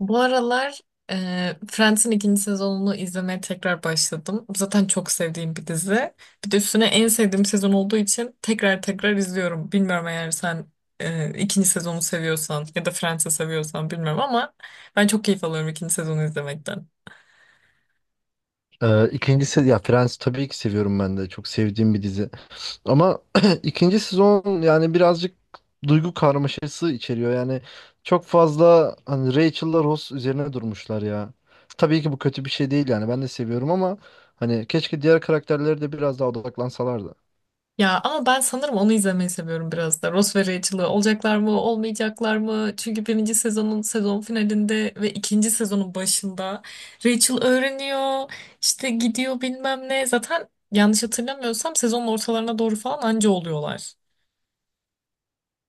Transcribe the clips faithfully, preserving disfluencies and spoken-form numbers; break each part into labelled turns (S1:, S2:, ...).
S1: Bu aralar e, Friends'in ikinci sezonunu izlemeye tekrar başladım. Zaten çok sevdiğim bir dizi. Bir de üstüne en sevdiğim sezon olduğu için tekrar tekrar izliyorum. Bilmiyorum, eğer sen e, ikinci sezonu seviyorsan ya da Friends'i seviyorsan bilmiyorum ama ben çok keyif alıyorum ikinci sezonu izlemekten.
S2: Ee, ikinci ya Friends tabii ki seviyorum ben de çok sevdiğim bir dizi ama ikinci sezon yani birazcık duygu karmaşası içeriyor yani çok fazla hani Rachel'la Ross üzerine durmuşlar ya, tabii ki bu kötü bir şey değil yani ben de seviyorum ama hani keşke diğer karakterlere de biraz daha odaklansalardı.
S1: Ya ama ben sanırım onu izlemeyi seviyorum biraz da. Ross ve Rachel'ı, olacaklar mı, olmayacaklar mı? Çünkü birinci sezonun sezon finalinde ve ikinci sezonun başında Rachel öğreniyor, işte gidiyor bilmem ne. Zaten yanlış hatırlamıyorsam sezonun ortalarına doğru falan anca oluyorlar.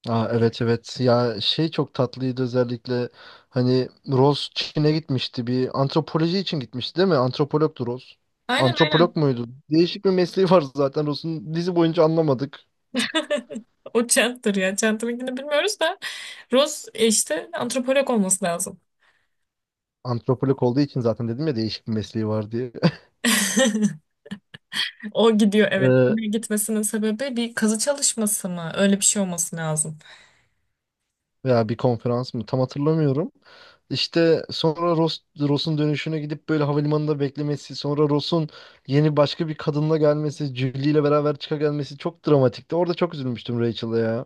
S2: Aa, evet evet ya şey çok tatlıydı özellikle hani Ross Çin'e gitmişti, bir antropoloji için gitmişti değil mi? Antropologtu Ross.
S1: Aynen
S2: Antropolog
S1: aynen.
S2: muydu? Değişik bir mesleği var zaten Ross'un, dizi boyunca anlamadık.
S1: O Chandler ya. Chandler'ınkini bilmiyoruz da Ross e, işte antropolog olması lazım.
S2: Antropolog olduğu için zaten dedim ya değişik bir mesleği var diye.
S1: O gidiyor, evet.
S2: Ee,
S1: Gitmesinin sebebi bir kazı çalışması mı? Öyle bir şey olması lazım.
S2: Veya bir konferans mı, tam hatırlamıyorum. İşte sonra Ross, Ross'un dönüşüne gidip böyle havalimanında beklemesi, sonra Ross'un yeni başka bir kadınla gelmesi, Julie ile beraber çıka gelmesi çok dramatikti. Orada çok üzülmüştüm Rachel'a ya.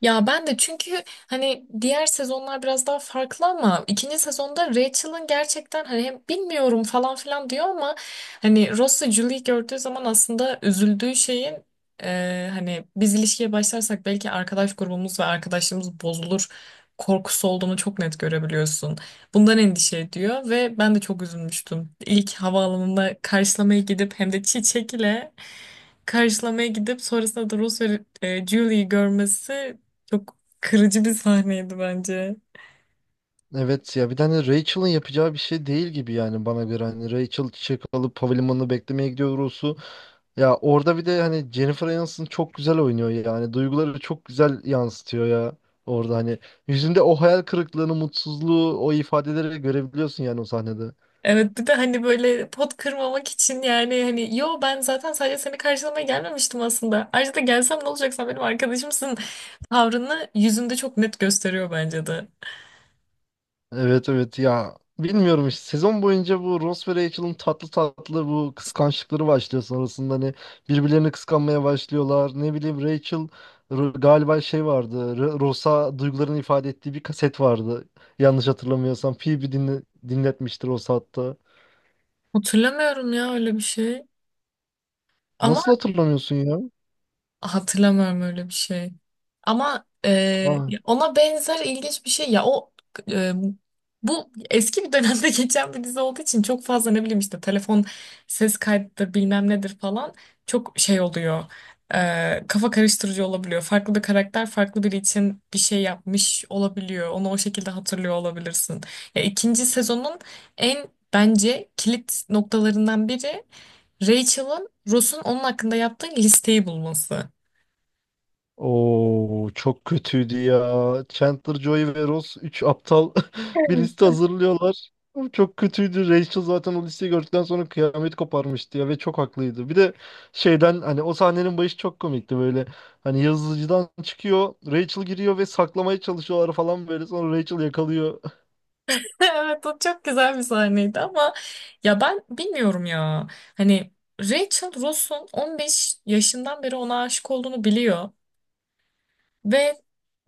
S1: Ya ben de, çünkü hani diğer sezonlar biraz daha farklı ama ikinci sezonda Rachel'ın gerçekten hani hem bilmiyorum falan filan diyor ama hani Ross'u, Julie'yi gördüğü zaman aslında üzüldüğü şeyin e, hani biz ilişkiye başlarsak belki arkadaş grubumuz ve arkadaşlığımız bozulur korkusu olduğunu çok net görebiliyorsun. Bundan endişe ediyor ve ben de çok üzülmüştüm. İlk havaalanında karşılamaya gidip hem de çiçek ile karşılamaya gidip sonrasında da Ross ve e, Julie'yi görmesi çok kırıcı bir sahneydi bence.
S2: Evet ya, bir tane Rachel'ın yapacağı bir şey değil gibi yani, bana göre hani Rachel çiçek alıp havalimanına beklemeye gidiyor Ross'u. Ya orada bir de hani Jennifer Aniston çok güzel oynuyor, yani duyguları çok güzel yansıtıyor ya. Orada hani yüzünde o hayal kırıklığını, mutsuzluğu, o ifadeleri görebiliyorsun yani, o sahnede.
S1: Evet, bir de hani böyle pot kırmamak için, yani hani yo ben zaten sadece seni karşılamaya gelmemiştim aslında. Ayrıca da gelsem ne olacak, sen benim arkadaşımsın tavrını yüzünde çok net gösteriyor bence de.
S2: Evet evet ya, bilmiyorum işte sezon boyunca bu Ross ve Rachel'ın tatlı tatlı bu kıskançlıkları başlıyor, sonrasında hani birbirlerini kıskanmaya başlıyorlar, ne bileyim Rachel r- galiba şey vardı, R- Ross'a duygularını ifade ettiği bir kaset vardı, yanlış hatırlamıyorsam Phoebe dinle dinletmiştir Ross'a hatta.
S1: Hatırlamıyorum ya öyle bir şey. Ama
S2: Nasıl hatırlamıyorsun ya?
S1: hatırlamıyorum öyle bir şey. Ama e,
S2: Ah.
S1: ona benzer ilginç bir şey ya, o e, bu eski bir dönemde geçen bir dizi olduğu için çok fazla ne bileyim işte telefon, ses kaydıdır bilmem nedir falan çok şey oluyor. E, kafa karıştırıcı olabiliyor. Farklı bir karakter farklı biri için bir şey yapmış olabiliyor. Onu o şekilde hatırlıyor olabilirsin. Ya ikinci sezonun en bence kilit noktalarından biri Rachel'ın Ross'un onun hakkında yaptığı listeyi bulması.
S2: Oo, çok kötüydü ya. Chandler, Joey ve Ross üç aptal bir liste hazırlıyorlar. Oğlum, çok kötüydü. Rachel zaten o listeyi gördükten sonra kıyamet koparmıştı ya, ve çok haklıydı. Bir de şeyden, hani o sahnenin başı çok komikti böyle. Hani yazıcıdan çıkıyor, Rachel giriyor ve saklamaya çalışıyorlar falan böyle. Sonra Rachel yakalıyor.
S1: Evet, o çok güzel bir sahneydi ama ya ben bilmiyorum ya. Hani Rachel, Ross'un on beş yaşından beri ona aşık olduğunu biliyor ve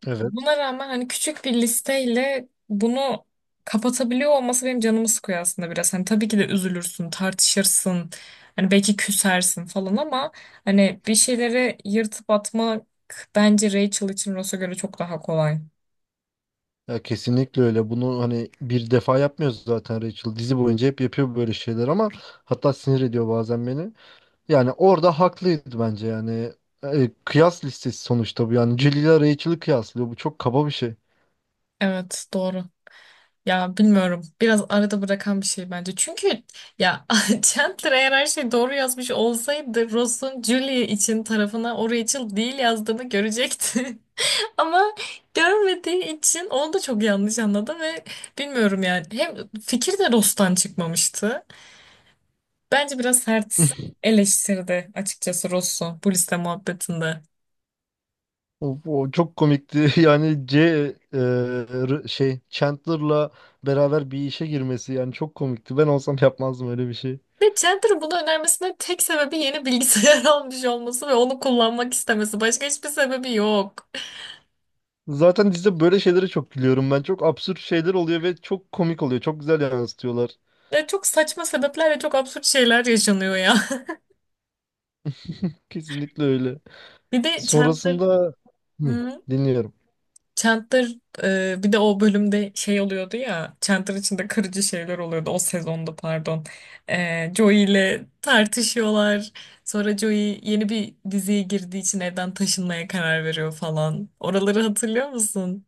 S2: Evet.
S1: buna rağmen hani küçük bir listeyle bunu kapatabiliyor olması benim canımı sıkıyor aslında biraz. Hani tabii ki de üzülürsün, tartışırsın. Hani belki küsersin falan ama hani bir şeyleri yırtıp atmak bence Rachel için Ross'a göre çok daha kolay.
S2: Ya kesinlikle öyle. Bunu hani bir defa yapmıyoruz zaten Rachel. Dizi boyunca hep yapıyor böyle şeyler ama, hatta sinir ediyor bazen beni. Yani orada haklıydı bence yani. E, kıyas listesi sonuçta bu yani. Celil ile Rachel'ı kıyaslıyor. Bu çok kaba bir şey.
S1: Evet, doğru. Ya bilmiyorum. Biraz arada bırakan bir şey bence. Çünkü ya Chandler eğer her şeyi doğru yazmış olsaydı Ross'un Julie için tarafına o Rachel değil yazdığını görecekti. Ama görmediği için onu da çok yanlış anladı ve bilmiyorum yani. Hem fikir de Ross'tan çıkmamıştı. Bence biraz sert eleştirdi açıkçası Ross'u bu liste muhabbetinde.
S2: O, o çok komikti. Yani C e, R- şey Chandler'la beraber bir işe girmesi yani çok komikti. Ben olsam yapmazdım öyle bir şey.
S1: Ve Chandler'ın bunu önermesinin tek sebebi yeni bilgisayar almış olması ve onu kullanmak istemesi. Başka hiçbir sebebi yok.
S2: Zaten dizide böyle şeylere çok gülüyorum ben. Çok absürt şeyler oluyor ve çok komik oluyor. Çok güzel yansıtıyorlar.
S1: Ya çok saçma sebeplerle çok absürt şeyler yaşanıyor ya.
S2: Kesinlikle öyle.
S1: Bir de Chandler,
S2: Sonrasında. Hı,
S1: hı?
S2: dinliyorum.
S1: Chandler e, bir de o bölümde şey oluyordu ya. Chandler içinde kırıcı şeyler oluyordu o sezonda, pardon. E, Joey ile tartışıyorlar. Sonra Joey yeni bir diziye girdiği için evden taşınmaya karar veriyor falan. Oraları hatırlıyor musun?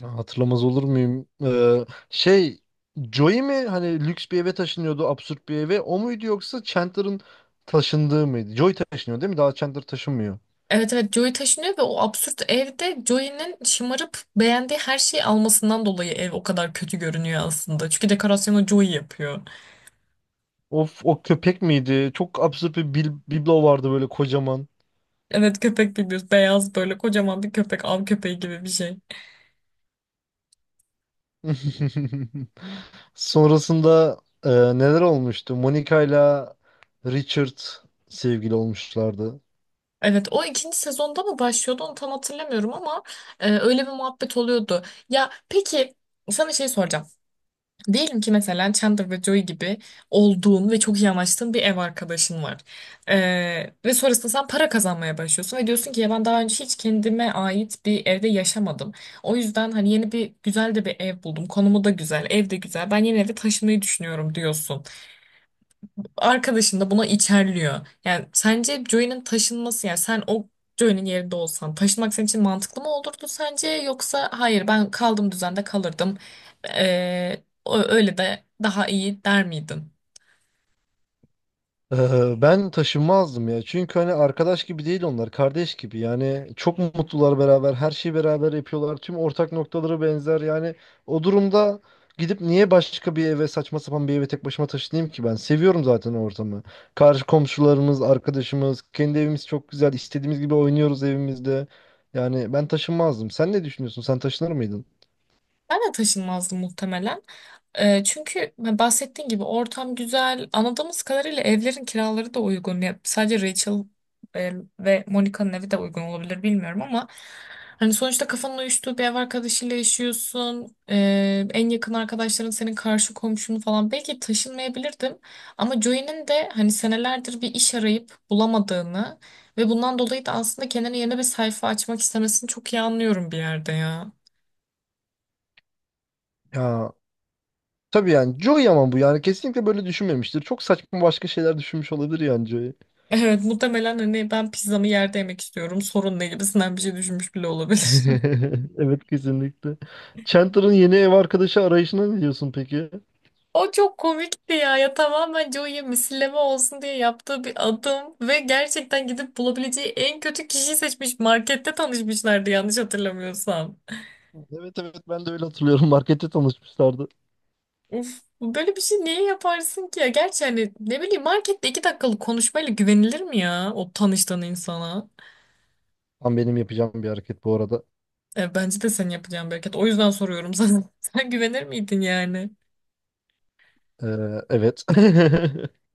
S2: Ya hatırlamaz olur muyum? Ee, şey Joey mi hani lüks bir eve taşınıyordu, absürt bir eve? O muydu yoksa Chandler'ın taşındığı mıydı? Joey taşınıyor değil mi? Daha Chandler taşınmıyor.
S1: Evet evet, Joey taşınıyor ve o absürt evde Joey'nin şımarıp beğendiği her şeyi almasından dolayı ev o kadar kötü görünüyor aslında. Çünkü dekorasyonu Joey yapıyor.
S2: Of, o köpek miydi? Çok absürt bir bil biblo vardı böyle kocaman.
S1: Evet, köpek bilmiyoruz. Beyaz böyle kocaman bir köpek. Av köpeği gibi bir şey.
S2: Sonrasında e, neler olmuştu? Monica ile Richard sevgili olmuşlardı.
S1: Evet, o ikinci sezonda mı başlıyordu onu tam hatırlamıyorum ama e, öyle bir muhabbet oluyordu. Ya peki, sana şey soracağım. Diyelim ki mesela Chandler ve Joey gibi olduğun ve çok iyi anlaştığın bir ev arkadaşın var. Ee, ve sonrasında sen para kazanmaya başlıyorsun ve diyorsun ki ya ben daha önce hiç kendime ait bir evde yaşamadım. O yüzden hani yeni bir güzel de bir ev buldum. Konumu da güzel, ev de güzel. Ben yeni eve taşınmayı düşünüyorum diyorsun, arkadaşın da buna içerliyor. Yani sence Joey'nin taşınması, yani sen o Joey'nin yerinde olsan taşınmak senin için mantıklı mı olurdu sence, yoksa hayır ben kaldığım düzende kalırdım. Ee, ö- öyle de daha iyi der miydin?
S2: Ee, Ben taşınmazdım ya. Çünkü hani arkadaş gibi değil onlar, kardeş gibi. Yani çok mutlular beraber, her şeyi beraber yapıyorlar. Tüm ortak noktaları benzer. Yani o durumda gidip niye başka bir eve, saçma sapan bir eve tek başıma taşınayım ki ben? Seviyorum zaten o ortamı. Karşı komşularımız, arkadaşımız, kendi evimiz çok güzel. İstediğimiz gibi oynuyoruz evimizde. Yani ben taşınmazdım. Sen ne düşünüyorsun? Sen taşınır mıydın?
S1: Ben de taşınmazdım muhtemelen. Ee, çünkü ben bahsettiğin gibi ortam güzel. Anladığımız kadarıyla evlerin kiraları da uygun. Ya, sadece Rachel e, ve Monica'nın evi de uygun olabilir bilmiyorum ama hani sonuçta kafanın uyuştuğu bir ev arkadaşıyla yaşıyorsun. Ee, en yakın arkadaşların senin karşı komşun falan. Belki taşınmayabilirdim ama Joey'nin de hani senelerdir bir iş arayıp bulamadığını ve bundan dolayı da aslında kendine yeni bir sayfa açmak istemesini çok iyi anlıyorum bir yerde ya.
S2: Ya tabii yani Joey, ama bu yani kesinlikle böyle düşünmemiştir. Çok saçma başka şeyler düşünmüş olabilir yani Joey.
S1: Evet, muhtemelen hani ben pizzamı yerde yemek istiyorum sorun ne gibisinden bir şey düşünmüş bile olabilir.
S2: Evet kesinlikle. Chandler'ın yeni ev arkadaşı arayışına ne diyorsun peki?
S1: O çok komikti ya, ya tamamen Joey'e misilleme olsun diye yaptığı bir adım ve gerçekten gidip bulabileceği en kötü kişiyi seçmiş, markette tanışmışlardı yanlış hatırlamıyorsam.
S2: Evet evet, ben de öyle hatırlıyorum. Markette tanışmışlardı.
S1: Uf, böyle bir şey niye yaparsın ki ya? Gerçi hani ne bileyim, markette iki dakikalık konuşmayla güvenilir mi ya o tanıştığın insana?
S2: Tam benim yapacağım bir hareket bu arada.
S1: E, bence de senin yapacağın bir hareket. O yüzden soruyorum sana. Sen güvenir miydin yani?
S2: Ee, evet.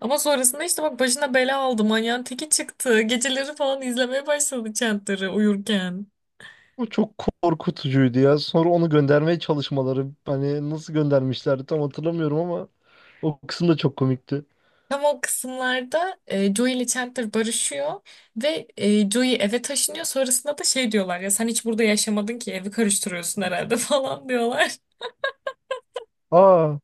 S1: Ama sonrasında işte bak başına bela aldı. Manyağın teki çıktı. Geceleri falan izlemeye başladı Chandler'ı uyurken.
S2: Bu çok korkutucuydu ya. Sonra onu göndermeye çalışmaları. Hani nasıl göndermişlerdi tam hatırlamıyorum ama o kısım da çok komikti.
S1: Tam o kısımlarda e, Joey ile Chandler barışıyor ve e, Joey eve taşınıyor. Sonrasında da şey diyorlar ya, sen hiç burada yaşamadın ki evi karıştırıyorsun herhalde falan diyorlar.
S2: Aa,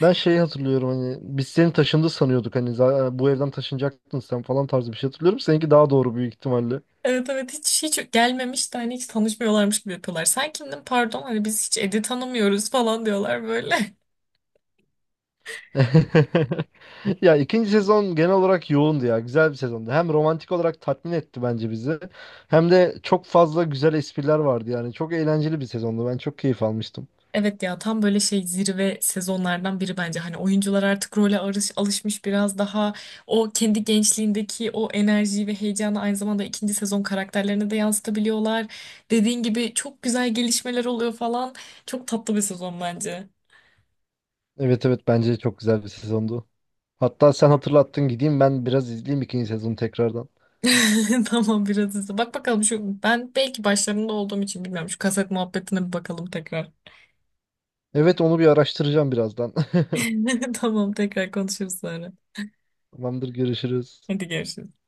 S2: ben şeyi hatırlıyorum, hani biz seni taşındı sanıyorduk, hani za- bu evden taşınacaktın sen falan tarzı bir şey hatırlıyorum. Seninki daha doğru büyük ihtimalle.
S1: Evet evet, hiç hiç gelmemiş de hani hiç tanışmıyorlarmış gibi yapıyorlar. Sen kimdin pardon, hani biz hiç Ed'i tanımıyoruz falan diyorlar böyle.
S2: Ya ikinci sezon genel olarak yoğundu ya. Güzel bir sezondu. Hem romantik olarak tatmin etti bence bizi. Hem de çok fazla güzel espriler vardı yani. Çok eğlenceli bir sezondu. Ben çok keyif almıştım.
S1: Evet ya, tam böyle şey zirve sezonlardan biri bence. Hani oyuncular artık role arış, alışmış, biraz daha o kendi gençliğindeki o enerjiyi ve heyecanı aynı zamanda ikinci sezon karakterlerine de yansıtabiliyorlar. Dediğin gibi çok güzel gelişmeler oluyor falan. Çok tatlı bir sezon bence.
S2: Evet evet, bence çok güzel bir sezondu. Hatta sen hatırlattın, gideyim ben biraz izleyeyim ikinci sezonu tekrardan.
S1: Tamam, biraz hızlı. Bak bakalım şu, ben belki başlarında olduğum için bilmiyorum. Şu kaset muhabbetine bir bakalım tekrar.
S2: Evet, onu bir araştıracağım birazdan.
S1: Tamam, tekrar konuşuruz sonra.
S2: Tamamdır, görüşürüz.
S1: Hadi görüşürüz.